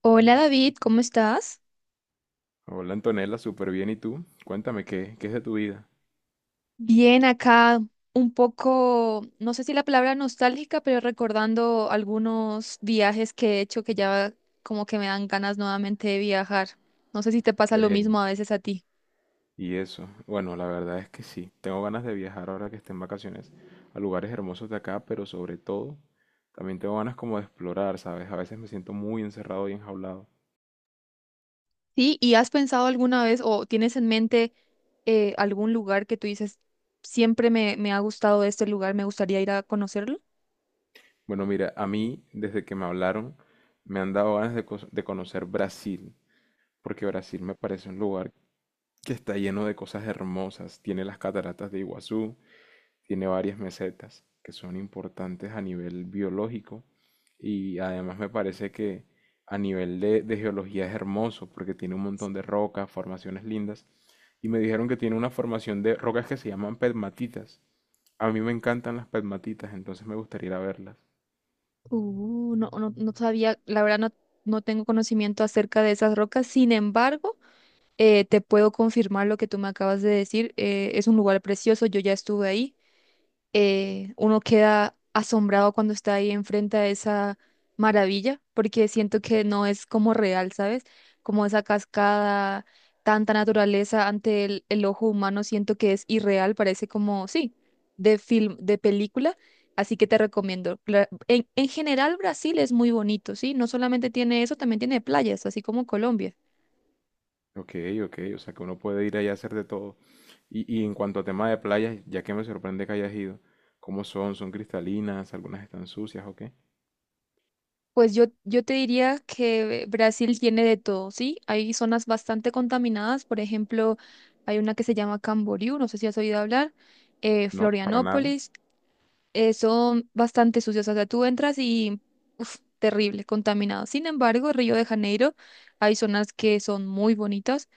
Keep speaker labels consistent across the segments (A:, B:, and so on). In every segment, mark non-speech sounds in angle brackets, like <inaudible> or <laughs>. A: Hola David, ¿cómo estás?
B: Hola Antonella, súper bien. ¿Y tú? Cuéntame, ¿qué es de tu vida?
A: Bien acá, un poco, no sé si la palabra nostálgica, pero recordando algunos viajes que he hecho que ya como que me dan ganas nuevamente de viajar. No sé si te pasa lo
B: Ven.
A: mismo a veces a ti.
B: Y eso. Bueno, la verdad es que sí. Tengo ganas de viajar ahora que esté en vacaciones a lugares hermosos de acá, pero sobre todo también tengo ganas como de explorar, ¿sabes? A veces me siento muy encerrado y enjaulado.
A: Sí, ¿y has pensado alguna vez o tienes en mente algún lugar que tú dices, siempre me ha gustado este lugar, me gustaría ir a conocerlo?
B: Bueno, mira, a mí desde que me hablaron me han dado ganas de conocer Brasil, porque Brasil me parece un lugar que está lleno de cosas hermosas. Tiene las cataratas de Iguazú, tiene varias mesetas que son importantes a nivel biológico y además me parece que a nivel de geología es hermoso porque tiene un montón de rocas, formaciones lindas y me dijeron que tiene una formación de rocas que se llaman pegmatitas. A mí me encantan las pegmatitas, entonces me gustaría ir a verlas.
A: No, no, no sabía, la verdad no, no tengo conocimiento acerca de esas rocas, sin embargo. Te puedo confirmar lo que tú me acabas de decir. Es un lugar precioso, yo ya estuve ahí. Uno queda asombrado cuando está ahí enfrente a esa maravilla, porque siento que no es como real, ¿sabes? Como esa cascada, tanta naturaleza ante el ojo humano, siento que es irreal, parece como, sí, de film, de película. Así que te recomiendo. En general, Brasil es muy bonito, ¿sí? No solamente tiene eso, también tiene playas, así como Colombia.
B: Ok, ok, o sea que uno puede ir allá a hacer de todo. Y en cuanto a tema de playas, ya que me sorprende que hayas ido, ¿cómo son? ¿Son cristalinas? ¿Algunas están sucias o qué?
A: Pues yo te diría que Brasil tiene de todo, ¿sí? Hay zonas bastante contaminadas, por ejemplo, hay una que se llama Camboriú, no sé si has oído hablar,
B: No, para nada.
A: Florianópolis, son bastante sucias, o sea, tú entras y, uf, terrible, contaminado. Sin embargo, Río de Janeiro, hay zonas que son muy bonitas,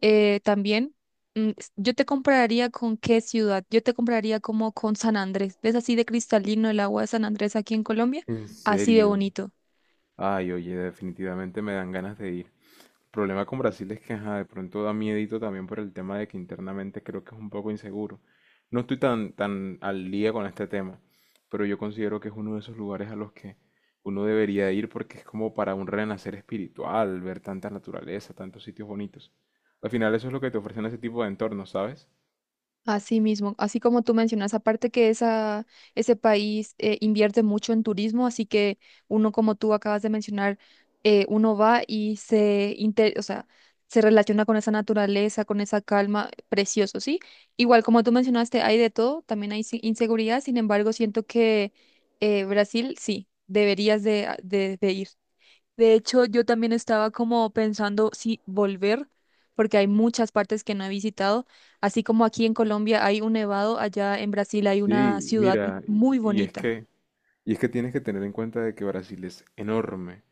A: también. Yo te compararía con qué ciudad, yo te compraría como con San Andrés, ¿ves así de cristalino el agua de San Andrés aquí en Colombia?
B: ¿En
A: Así de
B: serio?
A: bonito.
B: Ay, oye, definitivamente me dan ganas de ir. El problema con Brasil es que, ajá, de pronto da miedito también por el tema de que internamente creo que es un poco inseguro. No estoy tan, tan al día con este tema, pero yo considero que es uno de esos lugares a los que uno debería ir porque es como para un renacer espiritual, ver tanta naturaleza, tantos sitios bonitos. Al final eso es lo que te ofrecen ese tipo de entornos, ¿sabes?
A: Así mismo, así como tú mencionas, aparte que esa, ese país invierte mucho en turismo, así que uno como tú acabas de mencionar, uno va y se, o sea, se relaciona con esa naturaleza, con esa calma, precioso, ¿sí? Igual como tú mencionaste, hay de todo, también hay inseguridad, sin embargo, siento que Brasil, sí, deberías de, de ir. De hecho, yo también estaba como pensando si volver, porque hay muchas partes que no he visitado. Así como aquí en Colombia hay un nevado, allá en Brasil hay una
B: Sí,
A: ciudad
B: mira,
A: muy
B: y es
A: bonita.
B: que, y es que tienes que tener en cuenta de que Brasil es enorme.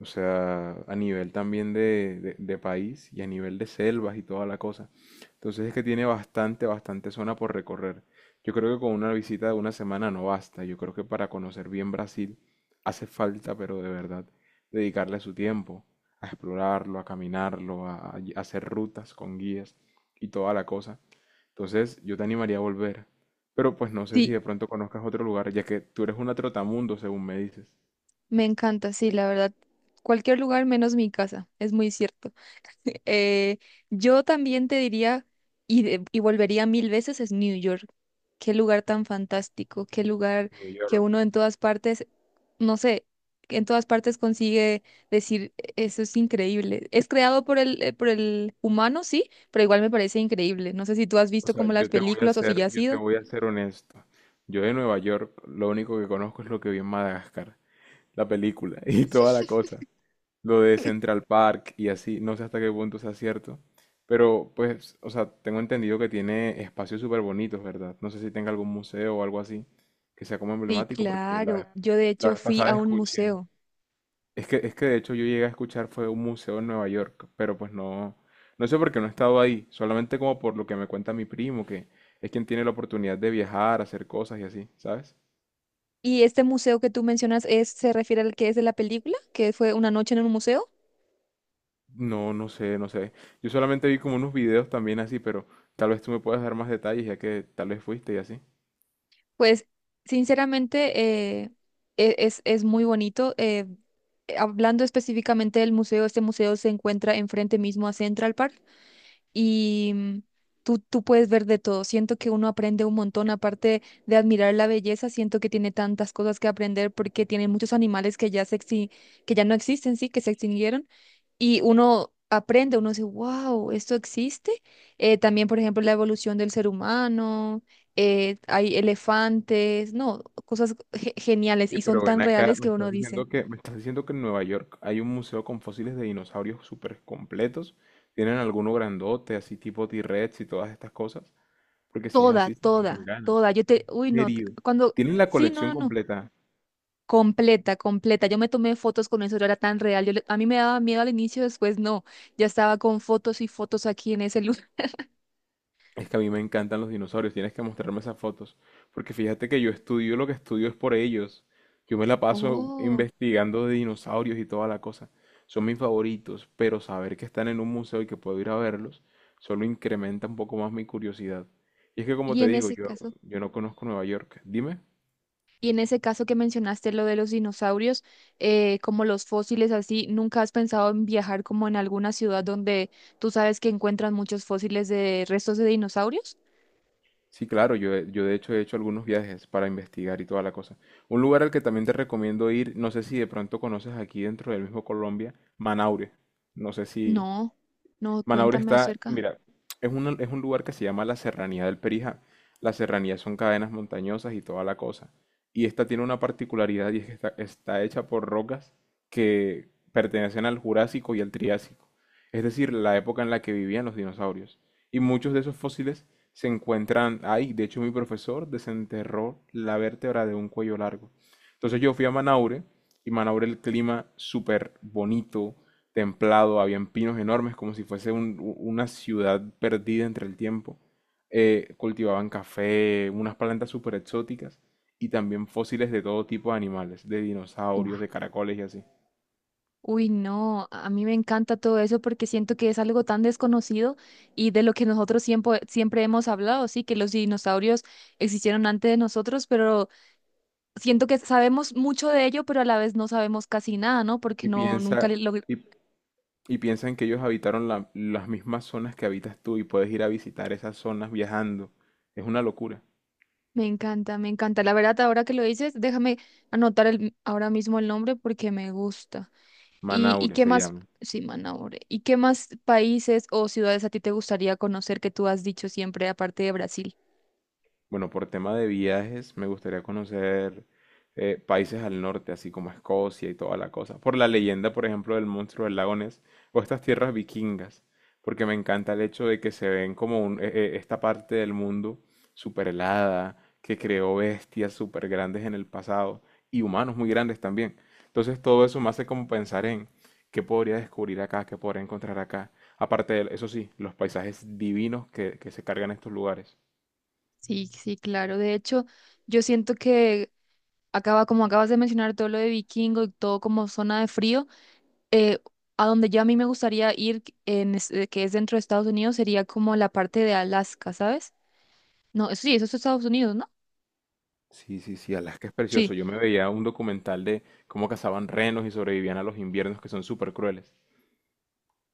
B: O sea, a nivel también de país y a nivel de selvas y toda la cosa. Entonces es que tiene bastante, bastante zona por recorrer. Yo creo que con una visita de una semana no basta. Yo creo que para conocer bien Brasil hace falta, pero de verdad, dedicarle su tiempo a explorarlo, a caminarlo, a hacer rutas con guías y toda la cosa. Entonces yo te animaría a volver. Pero pues no sé si
A: Sí,
B: de pronto conozcas otro lugar, ya que tú eres una trotamundo, según me dices.
A: me encanta, sí, la verdad. Cualquier lugar menos mi casa, es muy cierto. Eh, yo también te diría, y, y volvería 1000 veces, es New York. Qué lugar tan fantástico, qué lugar
B: New
A: que uno
B: York.
A: en todas partes, no sé, que en todas partes consigue decir, eso es increíble. Es creado por el humano, sí, pero igual me parece increíble. No sé si tú has
B: O
A: visto
B: sea,
A: como las
B: yo te voy a
A: películas o si
B: ser,
A: ya has
B: yo te
A: ido.
B: voy a ser honesto. Yo de Nueva York, lo único que conozco es lo que vi en Madagascar, la película <laughs> y toda la cosa. Lo de Central Park y así, no sé hasta qué punto sea cierto. Pero pues, o sea, tengo entendido que tiene espacios súper bonitos, ¿verdad? No sé si tenga algún museo o algo así que sea como
A: Sí,
B: emblemático, porque la vez,
A: claro. Yo de
B: la
A: hecho
B: vez
A: fui
B: pasada
A: a un
B: escuché.
A: museo.
B: Es que de hecho yo llegué a escuchar fue un museo en Nueva York, pero pues no, no sé por qué no he estado ahí, solamente como por lo que me cuenta mi primo, que es quien tiene la oportunidad de viajar, hacer cosas y así, ¿sabes?
A: ¿Y este museo que tú mencionas es, se refiere al que es de la película, que fue una noche en un museo?
B: No, no sé, no sé. Yo solamente vi como unos videos también así, pero tal vez tú me puedas dar más detalles ya que tal vez fuiste y así.
A: Pues sinceramente es muy bonito. Hablando específicamente del museo, este museo se encuentra enfrente mismo a Central Park y tú puedes ver de todo. Siento que uno aprende un montón, aparte de admirar la belleza, siento que tiene tantas cosas que aprender porque tiene muchos animales que ya, que ya no existen, sí, que se extinguieron y uno aprende, uno dice, wow, esto existe. También, por ejemplo, la evolución del ser humano, hay elefantes, no, cosas geniales
B: Oye,
A: y son
B: pero ven
A: tan
B: acá,
A: reales
B: me
A: que uno
B: estás
A: dice,
B: diciendo que, me estás diciendo que en Nueva York hay un museo con fósiles de dinosaurios súper completos. ¿Tienen alguno grandote, así tipo T-Rex y todas estas cosas? Porque si es
A: toda,
B: así, sí me dan
A: toda,
B: ganas.
A: toda. Yo te, uy, no, te-
B: ¿Serio?
A: cuando,
B: ¿Tienen la
A: sí, no,
B: colección
A: no, no.
B: completa?
A: Completa, completa. Yo me tomé fotos con eso, yo era tan real. Yo le- a mí me daba miedo al inicio, después no. Ya estaba con fotos y fotos aquí en ese lugar.
B: Es que a mí me encantan los dinosaurios, tienes que mostrarme esas fotos, porque fíjate que yo estudio lo que estudio es por ellos. Yo me la
A: <laughs>
B: paso
A: Oh,
B: investigando de dinosaurios y toda la cosa. Son mis favoritos, pero saber que están en un museo y que puedo ir a verlos solo incrementa un poco más mi curiosidad. Y es que como
A: y
B: te
A: en
B: digo,
A: ese
B: yo,
A: caso.
B: yo no conozco Nueva York. Dime.
A: Y en ese caso que mencionaste lo de los dinosaurios, como los fósiles así, ¿nunca has pensado en viajar como en alguna ciudad donde tú sabes que encuentran muchos fósiles de restos de dinosaurios?
B: Sí, claro, yo, yo de hecho he hecho algunos viajes para investigar y toda la cosa. Un lugar al que también te recomiendo ir, no sé si de pronto conoces aquí dentro del mismo Colombia, Manaure. No sé si,
A: No, no,
B: Manaure
A: cuéntame
B: está,
A: acerca.
B: mira, es un lugar que se llama la Serranía del Perijá. Las serranías son cadenas montañosas y toda la cosa. Y esta tiene una particularidad y es que está, está hecha por rocas que pertenecen al Jurásico y al Triásico, es decir, la época en la que vivían los dinosaurios. Y muchos de esos fósiles se encuentran ahí. De hecho, mi profesor desenterró la vértebra de un cuello largo. Entonces yo fui a Manaure y Manaure el clima súper bonito, templado, habían pinos enormes, como si fuese una ciudad perdida entre el tiempo. Cultivaban café, unas plantas súper exóticas y también fósiles de todo tipo de animales, de dinosaurios,
A: Uf,
B: de caracoles y así.
A: uy, no, a mí me encanta todo eso porque siento que es algo tan desconocido y de lo que nosotros siempre, siempre hemos hablado, sí, que los dinosaurios existieron antes de nosotros, pero siento que sabemos mucho de ello, pero a la vez no sabemos casi nada, ¿no? Porque
B: Y
A: no, nunca
B: piensa,
A: le- lo
B: y, y piensan que ellos habitaron las mismas zonas que habitas tú y puedes ir a visitar esas zonas viajando. Es una locura.
A: Me encanta, me encanta. La verdad, ahora que lo dices, déjame anotar el, ahora mismo el nombre porque me gusta. Y
B: Manaure
A: qué
B: se
A: más?
B: llama.
A: Sí, Manaure. ¿Y qué más países o ciudades a ti te gustaría conocer que tú has dicho siempre, aparte de Brasil?
B: Bueno, por tema de viajes, me gustaría conocer países al norte, así como Escocia y toda la cosa. Por la leyenda, por ejemplo, del monstruo del lago Ness o estas tierras vikingas, porque me encanta el hecho de que se ven como esta parte del mundo súper helada, que creó bestias súper grandes en el pasado y humanos muy grandes también. Entonces todo eso me hace como pensar en qué podría descubrir acá, qué podría encontrar acá. Aparte de, eso sí, los paisajes divinos que se cargan estos lugares.
A: Sí, sí, claro. De hecho, yo siento que acaba, como acabas de mencionar todo lo de Vikingo y todo como zona de frío, eh, a donde yo a mí me gustaría ir, en, que es dentro de Estados Unidos, sería como la parte de Alaska, ¿sabes? No, eso sí, eso es Estados Unidos, ¿no?
B: Sí, sí, sí, Alaska es precioso.
A: Sí.
B: Yo me veía un documental de cómo cazaban renos y sobrevivían a los inviernos que son súper crueles.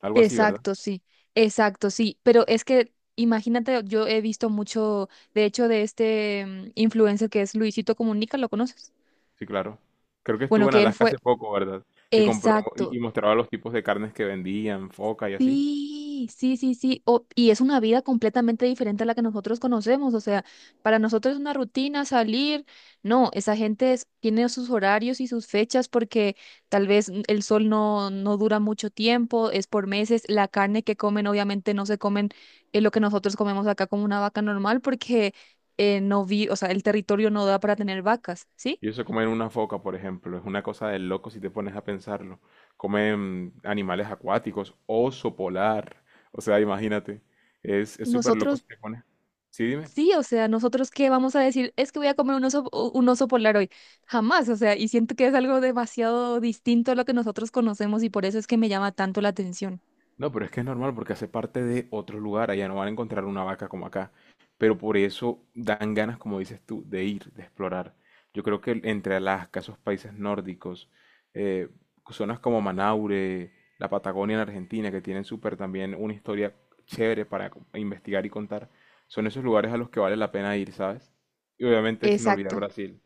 B: Algo así, ¿verdad?
A: Exacto, sí, exacto, sí, pero es que imagínate, yo he visto mucho, de hecho, de este influencer que es Luisito Comunica, ¿lo conoces?
B: Sí, claro. Creo que
A: Bueno,
B: estuvo en
A: que él
B: Alaska
A: fue,
B: hace poco, ¿verdad? Que compró
A: exacto,
B: y mostraba los tipos de carnes que vendían, foca y así.
A: sí, sí, sí, sí. O- y es una vida completamente diferente a la que nosotros conocemos. O sea, para nosotros es una rutina salir. No, esa gente tiene sus horarios y sus fechas porque tal vez n- el sol no, no dura mucho tiempo, es por meses. La carne que comen, obviamente, no se comen lo que nosotros comemos acá como una vaca normal porque no vi, o sea, el territorio no da para tener vacas, ¿sí?
B: Y eso comen una foca, por ejemplo, es una cosa de loco si te pones a pensarlo. Comen animales acuáticos, oso polar. O sea, imagínate. Es súper loco
A: Nosotros
B: si te pones. Sí, dime.
A: sí, o sea, nosotros qué vamos a decir, es que voy a comer un oso, u- un oso polar hoy. Jamás, o sea, y siento que es algo demasiado distinto a lo que nosotros conocemos y por eso es que me llama tanto la atención.
B: No, pero es que es normal porque hace parte de otro lugar, allá no van a encontrar una vaca como acá, pero por eso dan ganas, como dices tú, de ir, de explorar. Yo creo que entre Alaska, esos países nórdicos, eh, zonas como Manaure, la Patagonia en Argentina, que tienen súper también una historia chévere para investigar y contar, son esos lugares a los que vale la pena ir, ¿sabes? Y obviamente sin olvidar
A: Exacto.
B: Brasil.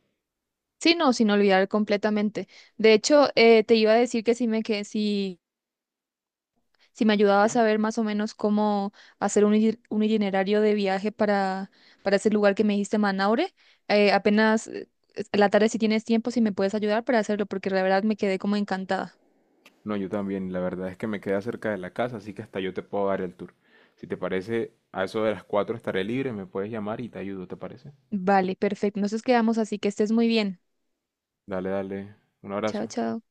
A: Sí, no, sin olvidar completamente. De hecho, te iba a decir que si me, que si, si me ayudabas a ver más o menos cómo hacer un, un itinerario de viaje para ese lugar que me dijiste, Manaure, apenas la tarde si tienes tiempo, si me puedes ayudar para hacerlo, porque la verdad me quedé como encantada.
B: No, yo también. La verdad es que me queda cerca de la casa, así que hasta yo te puedo dar el tour. Si te parece, a eso de las 4 estaré libre, me puedes llamar y te ayudo, ¿te parece?
A: Vale, perfecto. Entonces quedamos así, que estés muy bien.
B: Dale, dale. Un
A: Chao,
B: abrazo.
A: chao.